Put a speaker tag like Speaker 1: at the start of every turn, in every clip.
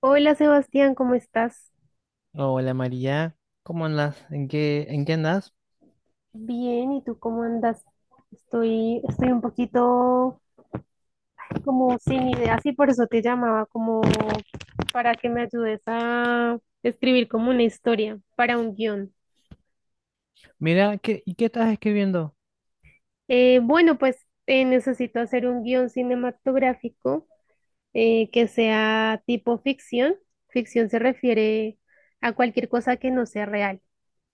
Speaker 1: Hola, Sebastián, ¿cómo estás?
Speaker 2: Hola María, ¿cómo andas? ¿En qué andas?
Speaker 1: Bien, ¿y tú cómo andas? Estoy un poquito como sin ideas y por eso te llamaba como para que me ayudes a escribir como una historia para un guión.
Speaker 2: Mira, ¿y qué estás escribiendo?
Speaker 1: Necesito hacer un guión cinematográfico que sea tipo ficción. Ficción se refiere a cualquier cosa que no sea real,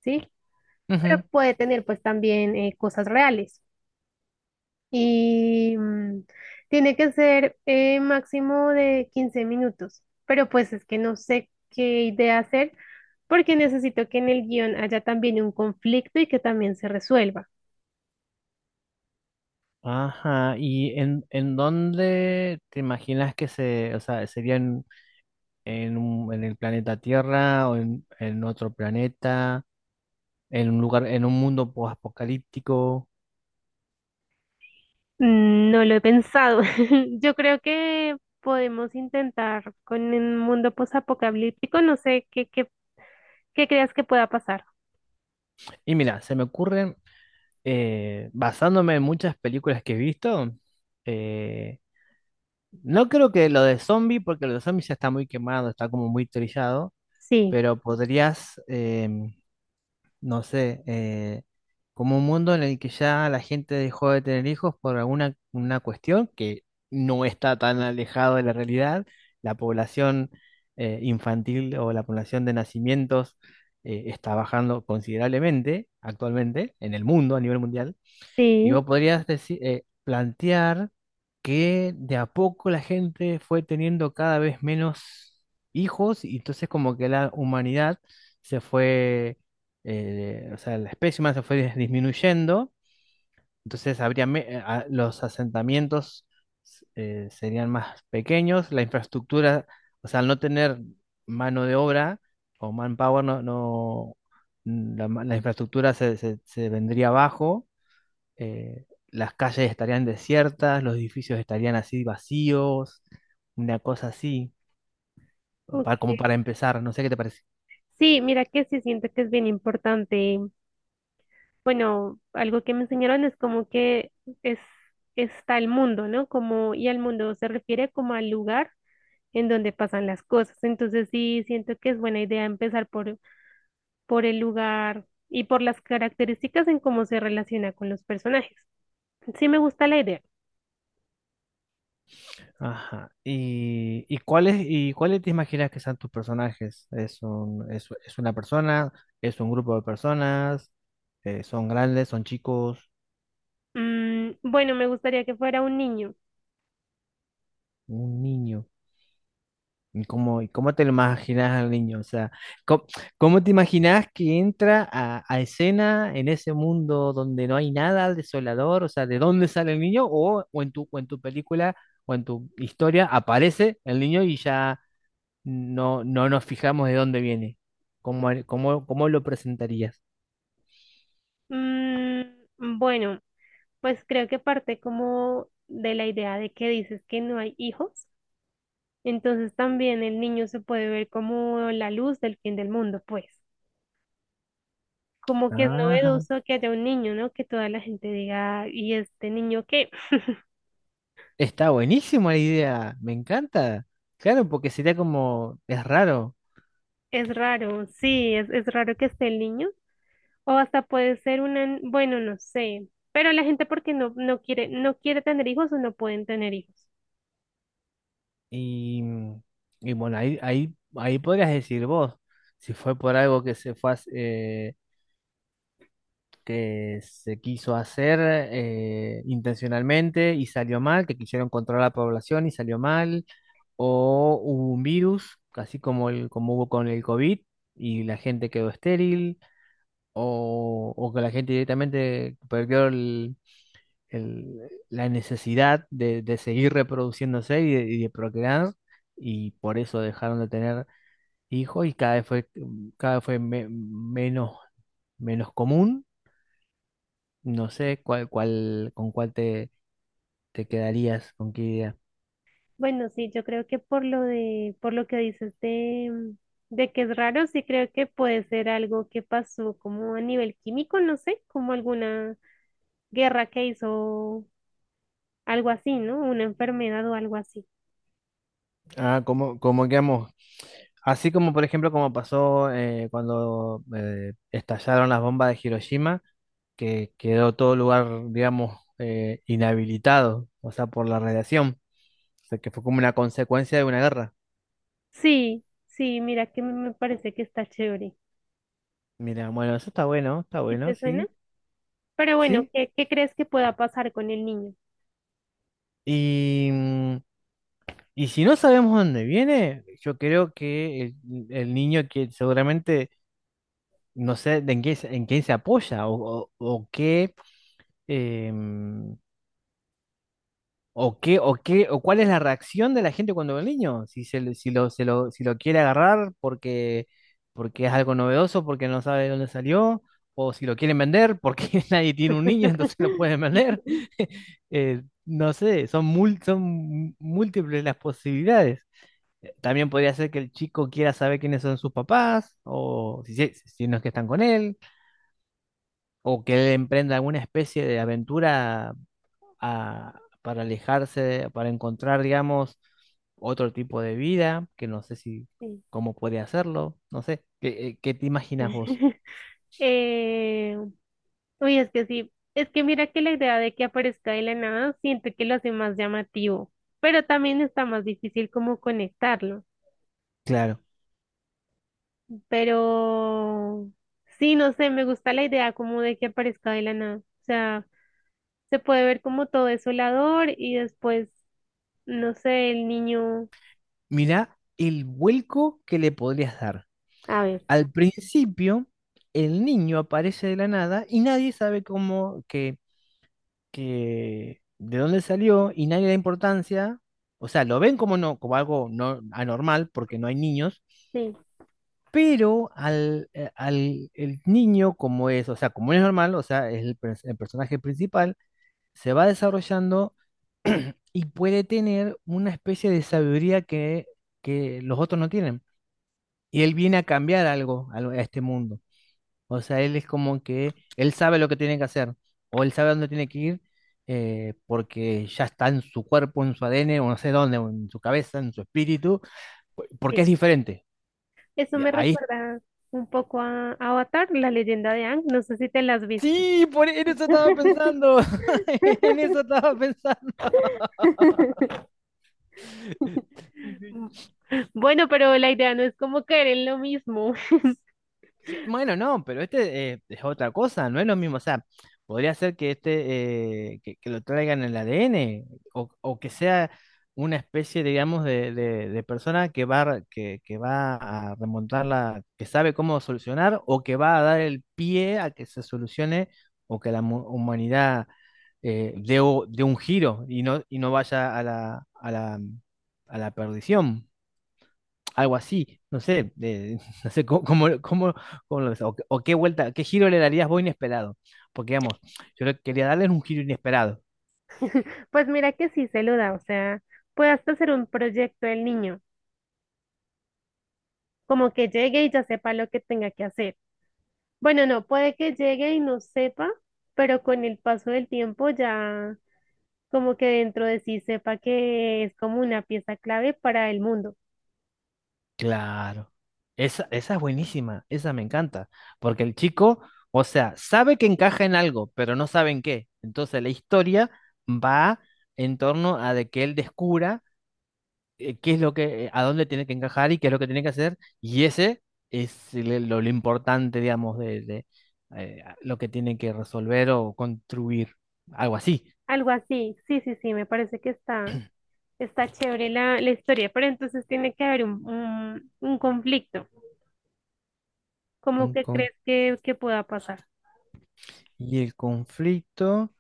Speaker 1: ¿sí?
Speaker 2: Ujú.
Speaker 1: Pero puede tener pues también cosas reales. Y tiene que ser máximo de 15 minutos, pero pues es que no sé qué idea hacer porque necesito que en el guión haya también un conflicto y que también se resuelva.
Speaker 2: Ajá, ¿y en dónde te imaginas que se, o sea, sería en el planeta Tierra o en otro planeta, en un lugar, en un mundo apocalíptico?
Speaker 1: No lo he pensado. Yo creo que podemos intentar con un mundo posapocalíptico, no sé qué creas que pueda pasar.
Speaker 2: Y mira, se me ocurren, basándome en muchas películas que he visto, eh, no creo que lo de zombie, porque lo de zombie ya está muy quemado, está como muy trillado.
Speaker 1: Sí,
Speaker 2: Pero podrías, no sé, como un mundo en el que ya la gente dejó de tener hijos por alguna una cuestión que no está tan alejado de la realidad, la población infantil o la población de nacimientos está bajando considerablemente actualmente en el mundo a nivel mundial. Y
Speaker 1: sí.
Speaker 2: vos podrías decir, plantear que de a poco la gente fue teniendo cada vez menos hijos y entonces como que la humanidad se fue, o sea, la especie humana se fue disminuyendo, entonces habría los asentamientos serían más pequeños, la infraestructura, o sea, al no tener mano de obra o manpower, no, no, la infraestructura se vendría abajo, las calles estarían desiertas, los edificios estarían así vacíos, una cosa así, como
Speaker 1: Ok.
Speaker 2: para empezar, no sé qué te parece.
Speaker 1: Sí, mira que sí siento que es bien importante. Bueno, algo que me enseñaron es como que es, está el mundo, ¿no? Como, y al mundo se refiere como al lugar en donde pasan las cosas. Entonces sí, siento que es buena idea empezar por el lugar y por las características en cómo se relaciona con los personajes. Sí, me gusta la idea.
Speaker 2: Ajá. ¿Y, y cuáles te imaginas que sean tus personajes? ¿Es un, es una persona? ¿Es un grupo de personas? ¿Son grandes? ¿Son chicos?
Speaker 1: Bueno, me gustaría que fuera un niño.
Speaker 2: ¿Un niño? ¿Y cómo te lo imaginas al niño? O sea, ¿cómo, cómo te imaginas que entra a escena en ese mundo donde no hay nada desolador? O sea, ¿de dónde sale el niño? O en tu película o en tu historia aparece el niño y ya no, no nos fijamos de dónde viene. ¿Cómo, cómo, cómo lo presentarías?
Speaker 1: Bueno, pues creo que parte como de la idea de que dices que no hay hijos. Entonces también el niño se puede ver como la luz del fin del mundo, pues. Como que es
Speaker 2: Ajá.
Speaker 1: novedoso que haya un niño, ¿no? Que toda la gente diga, ¿y este niño qué?
Speaker 2: Está buenísima la idea, me encanta. Claro, porque sería como, es raro.
Speaker 1: Es raro, sí, es raro que esté el niño. O hasta puede ser una, bueno, no sé. Pero la gente porque no quiere, no quiere tener hijos o no pueden tener hijos.
Speaker 2: Y, mm, y bueno, ahí podrías decir vos, si fue por algo que se fue, que se quiso hacer intencionalmente y salió mal, que quisieron controlar la población y salió mal, o hubo un virus, así como, el, como hubo con el COVID y la gente quedó estéril, o que la gente directamente perdió la necesidad de seguir reproduciéndose y de procrear y por eso dejaron de tener hijos y cada vez fue menos, menos común. No sé con cuál te, te quedarías, con qué idea.
Speaker 1: Bueno, sí, yo creo que por lo de, por lo que dices de, de que es raro, sí creo que puede ser algo que pasó como a nivel químico, no sé, como alguna guerra que hizo algo así, ¿no? Una enfermedad o algo así.
Speaker 2: Ah, como como quedamos? Así como, por ejemplo, como pasó cuando estallaron las bombas de Hiroshima, que quedó todo lugar, digamos, inhabilitado, o sea, por la radiación. O sea, que fue como una consecuencia de una guerra.
Speaker 1: Sí, sí, mira que me parece que está chévere.
Speaker 2: Mira, bueno, eso está
Speaker 1: ¿Sí
Speaker 2: bueno,
Speaker 1: te suena?
Speaker 2: sí,
Speaker 1: Pero bueno,
Speaker 2: sí.
Speaker 1: ¿qué, qué crees que pueda pasar con el niño?
Speaker 2: Y, mm, y si no sabemos dónde viene, yo creo que el niño que seguramente no sé de en qué, en quién se apoya o qué, em, o qué, o cuál es la reacción de la gente cuando ve al niño, si se, le- si lo, se lo, si lo quiere agarrar porque, porque es algo novedoso, porque no sabe de dónde salió, o si lo quieren vender porque nadie tiene un niño, entonces lo pueden vender. No sé, son múltiples las posibilidades. También podría ser que el chico quiera saber quiénes son sus papás, o si no es que están con él, o que él emprenda alguna especie de aventura para alejarse, para encontrar, digamos, otro tipo de vida, que no sé si
Speaker 1: Sí.
Speaker 2: cómo puede hacerlo, no sé, ¿qué, qué te imaginas vos?
Speaker 1: Eh, Uy, es que sí, es que mira que la idea de que aparezca de la nada, siento que lo hace más llamativo, pero también está más difícil como conectarlo.
Speaker 2: Claro,
Speaker 1: Pero sí, no sé, me gusta la idea como de que aparezca de la nada. O sea, se puede ver como todo desolador y después, no sé, el niño,
Speaker 2: mirá el vuelco que le podrías dar.
Speaker 1: a ver,
Speaker 2: Al principio, el niño aparece de la nada y nadie sabe cómo que de dónde salió y nadie le da importancia, o sea, lo ven como no, como algo no anormal porque no hay niños,
Speaker 1: sí,
Speaker 2: pero al el niño como es, o sea, como es normal, o sea, es el personaje principal, se va desarrollando y puede tener una especie de sabiduría que los otros no tienen. Y él viene a cambiar algo a este mundo. O sea, él es como que él sabe lo que tiene que hacer o él sabe dónde tiene que ir, porque ya está en su cuerpo, en su ADN o no sé dónde, o en su cabeza, en su espíritu, porque
Speaker 1: sí.
Speaker 2: es diferente.
Speaker 1: Eso
Speaker 2: Y
Speaker 1: me
Speaker 2: ahí
Speaker 1: recuerda un poco a Avatar, la leyenda de Aang, no sé si te la has visto.
Speaker 2: sí, por en eso estaba pensando. En eso estaba pensando. Sí, sí.
Speaker 1: Bueno, pero la idea no es como caer en lo mismo.
Speaker 2: Bueno, no, pero este es otra cosa, no es lo mismo. O sea, podría ser que este que lo traigan en el ADN o que sea una especie, digamos, de persona que que va a remontarla, que sabe cómo solucionar o que va a dar el pie a que se solucione o que la humanidad dé un giro y no vaya a a la perdición, algo así, no sé, no sé cómo lo ves, o qué vuelta, qué giro le darías vos inesperado, porque digamos, yo le quería darles un giro inesperado.
Speaker 1: Pues mira que sí se lo da, o sea, puede hasta hacer un proyecto el niño, como que llegue y ya sepa lo que tenga que hacer. Bueno, no, puede que llegue y no sepa, pero con el paso del tiempo ya como que dentro de sí sepa que es como una pieza clave para el mundo.
Speaker 2: Claro, esa es buenísima, esa me encanta, porque el chico, o sea, sabe que encaja en algo, pero no sabe en qué. Entonces la historia va en torno a de que él descubra, qué es lo que, a dónde tiene que encajar y qué es lo que tiene que hacer. Y ese es lo importante, digamos, de, lo que tiene que resolver o construir, algo así.
Speaker 1: Algo así, sí, sí, sí, me parece que está, está chévere la, la historia, pero entonces tiene que haber un conflicto. ¿Cómo
Speaker 2: Un
Speaker 1: que
Speaker 2: con-
Speaker 1: crees que pueda pasar?
Speaker 2: y el conflicto,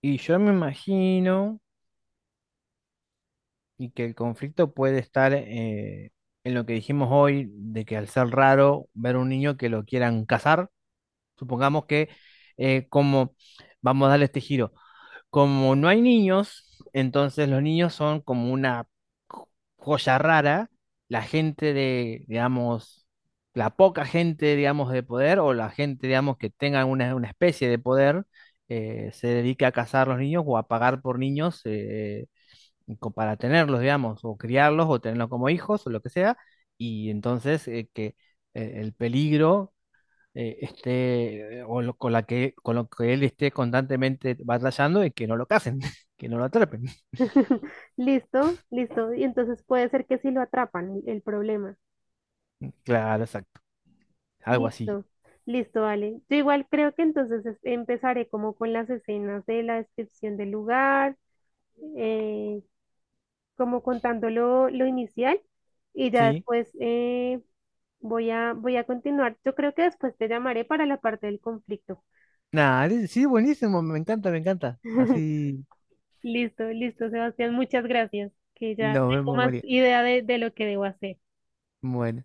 Speaker 2: y yo me imagino, y que el conflicto puede estar en lo que dijimos hoy, de que al ser raro ver un niño que lo quieran casar, supongamos que eh, como, vamos a darle este giro. Como no hay niños, entonces los niños son como una jo- joya rara. La gente de, digamos, la poca gente, digamos, de poder o la gente, digamos, que tenga una especie de poder, se dedica a cazar los niños o a pagar por niños, para tenerlos, digamos, o criarlos o tenerlos como hijos o lo que sea. Y entonces que el peligro esté, o con lo que él esté constantemente batallando y que no lo casen, que no lo atrapen.
Speaker 1: Listo, listo. Y entonces puede ser que sí lo atrapan, el problema.
Speaker 2: Claro, exacto. Algo así.
Speaker 1: Listo, listo, vale. Yo igual creo que entonces es- empezaré como con las escenas de la descripción del lugar. eh, como contando lo inicial y ya
Speaker 2: Sí.
Speaker 1: después voy a continuar. Yo creo que después te llamaré para la parte del conflicto.
Speaker 2: Nada, sí, buenísimo, me encanta, me encanta. Así
Speaker 1: Listo, listo, Sebastián, muchas gracias, que ya
Speaker 2: nos
Speaker 1: tengo
Speaker 2: vemos,
Speaker 1: más
Speaker 2: María.
Speaker 1: idea de lo que debo hacer.
Speaker 2: Bueno.